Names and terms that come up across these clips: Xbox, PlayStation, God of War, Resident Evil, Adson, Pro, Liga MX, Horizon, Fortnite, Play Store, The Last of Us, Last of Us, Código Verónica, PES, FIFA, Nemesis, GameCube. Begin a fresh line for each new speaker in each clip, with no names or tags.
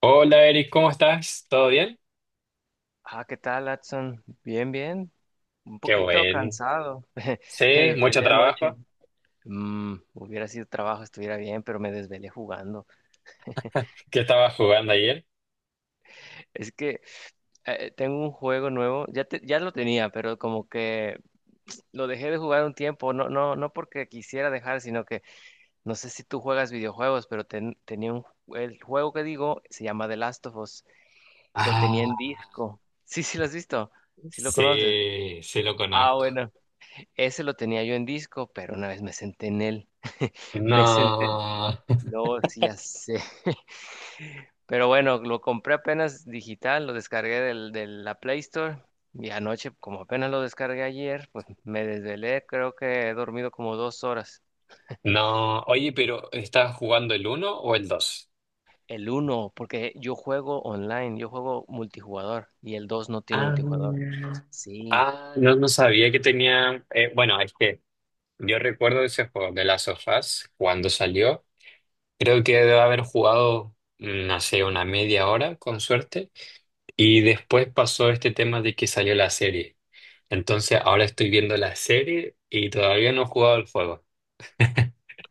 Hola Eric, ¿cómo estás? ¿Todo bien?
Ah, ¿qué tal, Adson? Bien, bien. Un
Qué
poquito
bueno.
cansado.
Sí,
Me
mucho
desvelé anoche.
trabajo.
Hubiera sido trabajo, estuviera bien, pero me desvelé jugando.
¿Qué estabas jugando ayer?
Es que tengo un juego nuevo. Ya, ya lo tenía, pero como que lo dejé de jugar un tiempo. No porque quisiera dejar, sino que no sé si tú juegas videojuegos, pero tenía un, el juego que digo se llama The Last of Us. Lo tenía en
Ah,
disco. Sí, sí, lo has visto. Sí lo conoces.
sí, sí lo
Ah,
conozco.
bueno. Ese lo tenía yo en disco, pero una vez me senté en él. Me senté.
No,
No, sí, ya sé. Pero bueno, lo compré apenas digital, lo descargué de la Play Store. Y anoche, como apenas lo descargué ayer, pues me desvelé. Creo que he dormido como 2 horas.
no. Oye, pero ¿estabas jugando el uno o el dos?
El uno, porque yo juego online, yo juego multijugador. Y el dos no tiene
Ah,
multijugador. Sí.
ah, no, no sabía que tenía. Bueno, es que yo recuerdo ese juego de Last of Us cuando salió. Creo que debo haber jugado, no sé, una media hora, con suerte. Y después pasó este tema de que salió la serie. Entonces ahora estoy viendo la serie y todavía no he jugado el juego.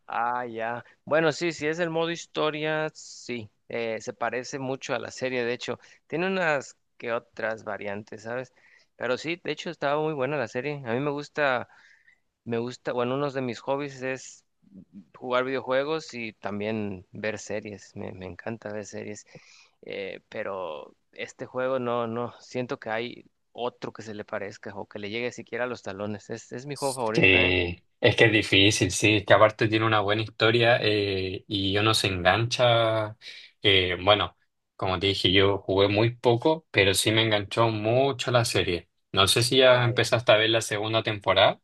Ah, ya. Bueno, sí, si es el modo historia, sí. Se parece mucho a la serie, de hecho. Tiene unas que otras variantes, ¿sabes? Pero sí, de hecho, estaba muy buena la serie. A mí me gusta, bueno, uno de mis hobbies es jugar videojuegos y también ver series. Me encanta ver series. Pero este juego no, siento que hay otro que se le parezca o que le llegue siquiera a los talones. Es mi juego favorito, ¿eh?
Sí, es que es difícil, sí, es que aparte tiene una buena historia y uno se engancha. Bueno, como te dije, yo jugué muy poco, pero sí me enganchó mucho la serie. No sé si ya
Ah, ya.
empezaste a ver la segunda temporada.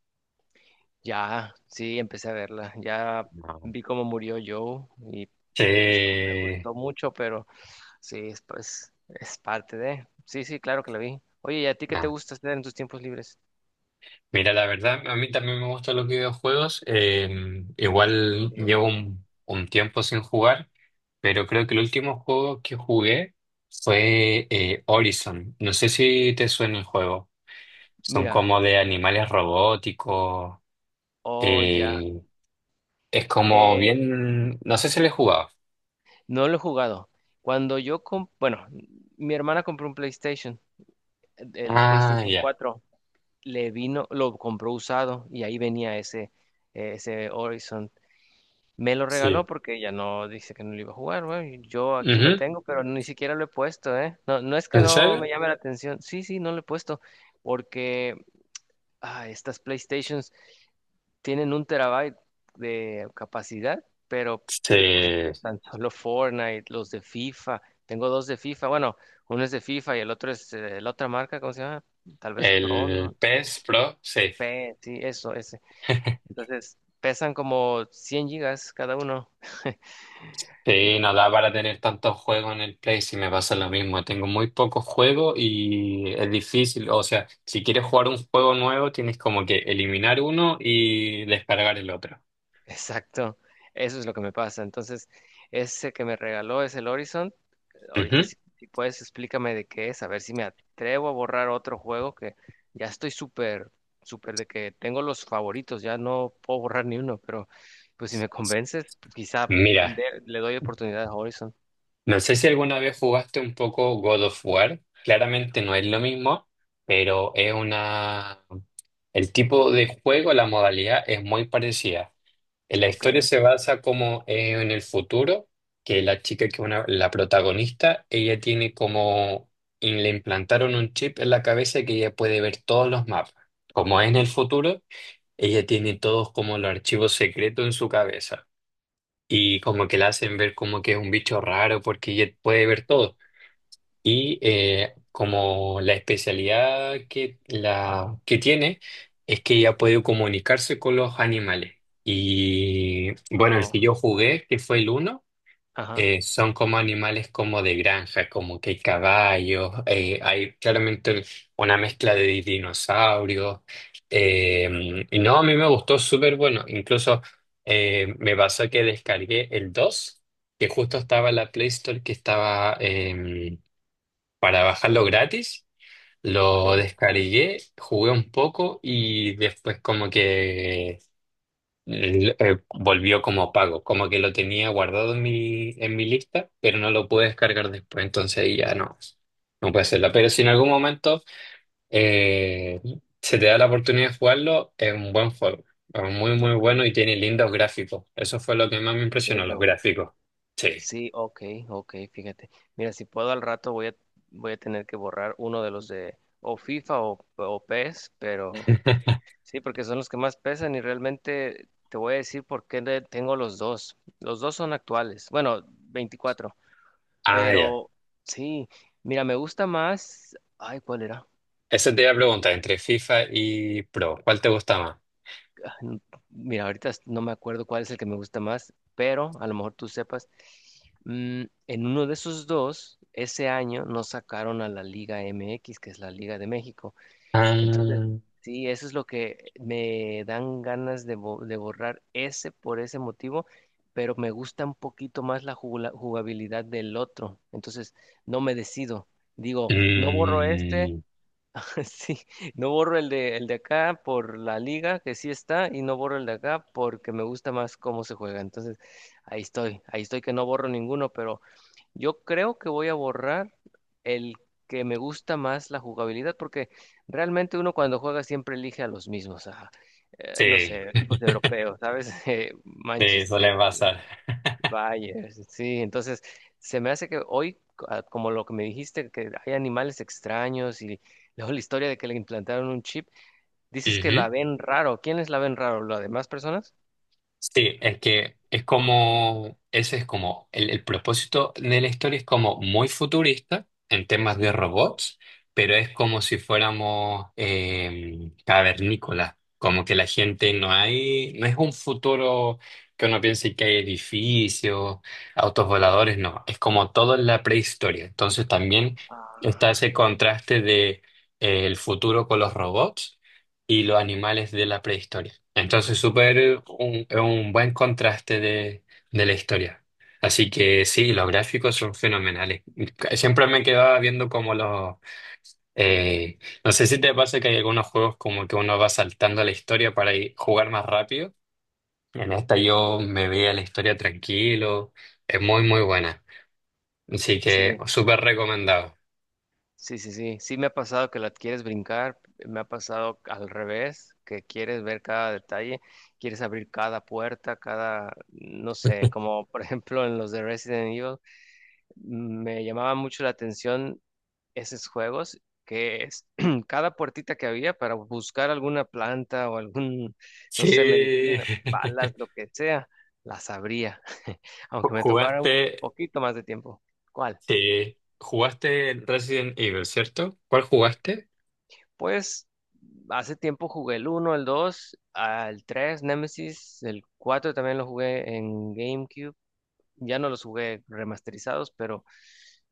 Ya, sí, empecé a verla. Ya
No.
vi cómo murió Joe y pues no me
Sí.
gustó mucho, pero sí, es, pues es parte de... Sí, sí, claro que la vi. Oye, ¿y a ti qué te gusta hacer en tus tiempos libres?
Mira, la verdad, a mí también me gustan los videojuegos. Igual llevo
Misterio.
un tiempo sin jugar, pero creo que el último juego que jugué fue Horizon. No sé si te suena el juego. Son
Mira,
como de animales robóticos.
oh, ya.
eh, es como
Eh,
bien... No sé si le he jugado.
no lo he jugado. Cuando yo, bueno, mi hermana compró un PlayStation, el
Ah,
PlayStation
ya.
4 le vino, lo compró usado y ahí venía ese, ese Horizon. Me lo regaló
Sí.
porque ya no dice que no lo iba a jugar, güey. Yo aquí lo
Ujú.
tengo, pero ni siquiera lo he puesto, ¿eh? No, no es que
¿En
no
serio?
me llame la atención. Sí, sí, no lo he puesto. Porque estas PlayStations tienen un terabyte de capacidad, pero pues
Sí.
tan solo Fortnite, los de FIFA. Tengo dos de FIFA. Bueno, uno es de FIFA y el otro es la otra marca, ¿cómo se llama? Tal vez Pro,
El
¿no?
PS Pro, sí.
P, sí, eso, ese. Entonces pesan como 100 gigas cada uno.
Sí, no da para tener tantos juegos en el Play, si me pasa lo mismo. Tengo muy pocos juegos y es difícil. O sea, si quieres jugar un juego nuevo, tienes como que eliminar uno y descargar el otro.
Exacto, eso es lo que me pasa. Entonces, ese que me regaló es el Horizon. Ahorita
Ujú.
si puedes explícame de qué es, a ver si me atrevo a borrar otro juego que ya estoy súper, súper de que tengo los favoritos, ya no puedo borrar ni uno, pero pues si me convences, quizá
Mira,
le doy oportunidad a Horizon.
no sé si alguna vez jugaste un poco God of War. Claramente no es lo mismo, pero es una... El tipo de juego, la modalidad es muy parecida. En la
Ok,
historia se basa como en el futuro, que la chica que es una, la protagonista, ella tiene como, y le implantaron un chip en la cabeza que ella puede ver todos los mapas. Como es en el futuro, ella tiene todos como los archivos secretos en su cabeza. Y como que la hacen ver como que es un bicho raro porque ella puede ver todo. Y como la especialidad que, la, que tiene es que ella puede comunicarse con los animales. Y bueno, el
wow.
que yo jugué, que fue el uno,
Ajá,
son como animales como de granja, como que hay caballos, hay claramente una mezcla de dinosaurios. Y no, a mí me gustó súper bueno. Incluso me pasó que descargué el 2 que justo estaba en la Play Store, que estaba... para bajarlo gratis. Lo
ok,
descargué, jugué un poco y después como que volvió como pago, como que lo tenía guardado en mi lista, pero no lo pude descargar después, entonces ahí ya no, no puede hacerla. Pero si en algún momento eh, se te da la oportunidad de jugarlo, es un buen juego, es muy muy
ok,
bueno y tiene lindos gráficos. Eso fue lo que más me
en
impresionó, los
serio.
gráficos. Sí.
Sí, ok, ok, fíjate. Mira, si puedo al rato voy a, voy a tener que borrar uno de los de o FIFA o PES, pero sí, porque son los que más pesan y realmente te voy a decir por qué le tengo los dos. Los dos son actuales, bueno, 24,
Ah, ya.
pero sí, mira, me gusta más, ay, ¿cuál era?
Eso te iba a preguntar, entre FIFA y Pro, ¿cuál te gusta más?
ah, n- Mira, ahorita no me acuerdo cuál es el que me gusta más, pero a lo mejor tú sepas. En uno de esos dos, ese año nos sacaron a la Liga MX, que es la Liga de México. Entonces,
Ah,
sí, eso es lo que me dan ganas de, de borrar ese por ese motivo, pero me gusta un poquito más la jugabilidad del otro. Entonces, no me decido. Digo, no borro este.
mm,
Sí, no borro el de acá por la liga, que sí está, y no borro el de acá porque me gusta más cómo se juega. Entonces, ahí estoy que no borro ninguno, pero yo creo que voy a borrar el que me gusta más la jugabilidad, porque realmente uno cuando juega siempre elige a los mismos, no
sí,
sé, equipos europeos, ¿sabes?
sí, suele
Manchester,
pasar.
Vaya, sí, entonces se me hace que hoy, como lo que me dijiste, que hay animales extraños y luego la historia de que le implantaron un chip, dices que la
Ujú.
ven raro. ¿Quiénes la ven raro? ¿Las demás personas?
Sí, es que es como, ese es como, el propósito de la historia es como muy futurista en temas
Sí.
de robots, pero es como si fuéramos cavernícolas, como que la gente no hay, no es un futuro que uno piense que hay edificios, autos voladores, no, es como todo en la prehistoria. Entonces también está
Ah,
ese contraste de el futuro con los robots y los animales de la prehistoria. Entonces, súper es un buen contraste de la historia. Así que sí, los gráficos son fenomenales. Siempre me quedaba viendo como los... eh, no sé si te pasa que hay algunos juegos como que uno va saltando la historia para ir- jugar más rápido. En esta yo me veía la historia tranquilo. Es muy, muy buena. Así que
sí,
súper recomendado.
sí, sí, sí. Sí me ha pasado que la quieres brincar, me ha pasado al revés, que quieres ver cada detalle, quieres abrir cada puerta, cada, no sé, como por ejemplo en los de Resident Evil, me llamaba mucho la atención esos juegos que es cada puertita que había para buscar alguna planta o algún, no sé,
Sí,
medicina, balas, lo que sea, las abría, aunque me tocara un
¿jugaste?
poquito más de tiempo. ¿Cuál?
Sí, jugaste Resident Evil, ¿cierto? ¿Cuál jugaste?
Pues hace tiempo jugué el uno el 2 el 3 Nemesis, el 4 también lo jugué en GameCube. Ya no los jugué remasterizados, pero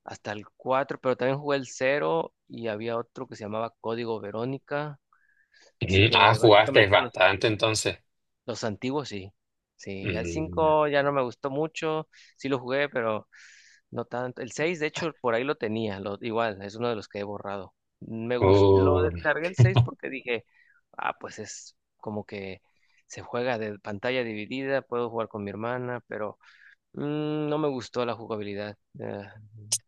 hasta el 4 pero también jugué el cero y había otro que se llamaba Código Verónica. Así
Sí. Ah,
que
jugaste
básicamente
bastante entonces.
los antiguos sí. Sí, ya el
Mm,
5 ya no me gustó mucho. Sí lo jugué, pero no tanto. El 6 de hecho, por ahí lo tenía. Lo, igual, es uno de los que he borrado. Me gustó, lo
uh,
descargué el 6 porque dije, ah, pues es como que se juega de pantalla dividida, puedo jugar con mi hermana, pero mm, no me gustó la jugabilidad.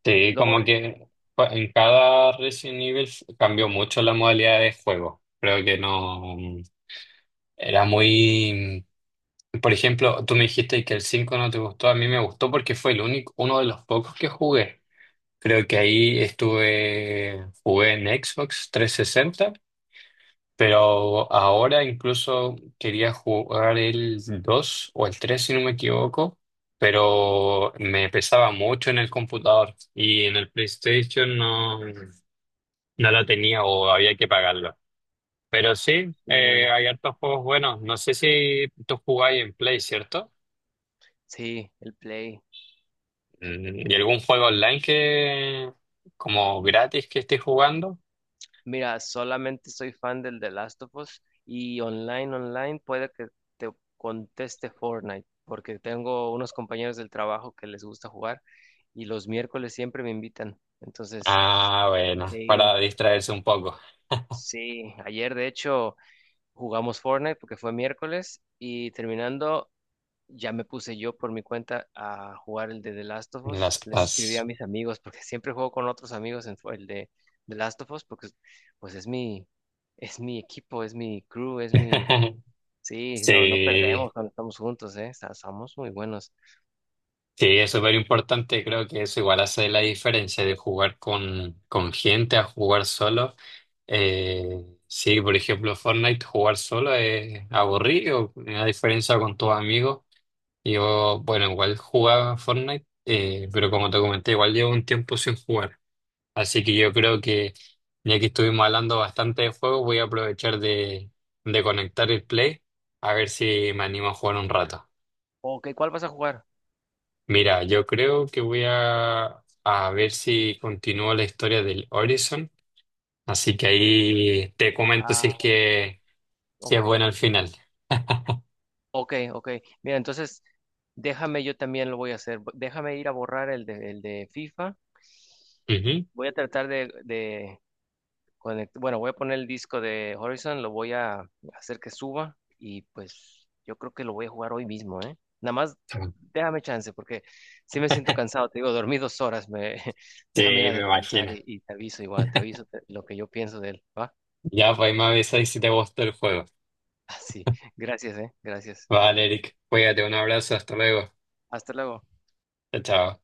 sí,
Lo
como
borré.
que en cada Resident Evil cambió mucho la modalidad de juego. Creo que no era muy... Por ejemplo, tú me dijiste que el 5 no te gustó, a mí me gustó porque fue el único, uno de los pocos que jugué. Creo que ahí estuve, jugué en Xbox 360. Pero ahora incluso quería jugar el 2 o el 3 si no me equivoco, pero me pesaba mucho en el computador y en el PlayStation no, no lo tenía o había que pagarlo. Pero sí,
Sí,
hay hartos juegos buenos. No sé si tú jugáis en Play, ¿cierto?
sí, el Play.
¿Y algún juego online que, como gratis que estés jugando?
Mira, solamente soy fan del The Last of Us y online, online puede que te conteste Fortnite, porque tengo unos compañeros del trabajo que les gusta jugar y los miércoles siempre me invitan. Entonces,
Ah, bueno,
sí,
para distraerse un poco.
sí, ayer de hecho jugamos Fortnite porque fue miércoles y terminando ya me puse yo por mi cuenta a jugar el de The Last of
Las
Us. Le escribí a
paz.
mis amigos porque siempre juego con otros amigos en el de The Last of Us porque pues es mi equipo, es mi crew, es mi sí, no
Sí.
perdemos cuando estamos juntos, eh. Somos muy buenos.
Sí, es súper importante, creo que eso igual hace la diferencia de jugar con gente a jugar solo. Sí, por ejemplo, Fortnite jugar solo es aburrido, a diferencia con tus amigos. Yo, bueno, igual jugaba Fortnite, pero como te comenté, igual llevo un tiempo sin jugar. Así que yo creo que ya que estuvimos hablando bastante de juego, voy a aprovechar de conectar el Play a ver si me animo a jugar un rato.
Ok, ¿cuál vas a jugar?
Mira, yo creo que voy a ver si continúo la historia del Horizon, así que ahí te comento si es
Ah,
que, si es
ok.
buena al final.
Ok, ok. Mira, entonces déjame, yo también lo voy a hacer. Déjame ir a borrar el el de FIFA.
Ujú.
Voy a tratar de bueno, voy a poner el disco de Horizon, lo voy a hacer que suba y pues yo creo que lo voy a jugar hoy mismo, ¿eh? Nada más déjame chance porque sí me siento cansado, te digo, dormí 2 horas, me
Sí,
déjame ir a
me
descansar
imagino.
y te aviso igual, te aviso lo que yo pienso de él, ¿va?
Ya, pues ahí me avisáis si te gustó el juego.
Así, gracias, ¿eh? Gracias.
Vale, Eric, cuídate, un abrazo, hasta luego.
Hasta luego.
Chao, chao.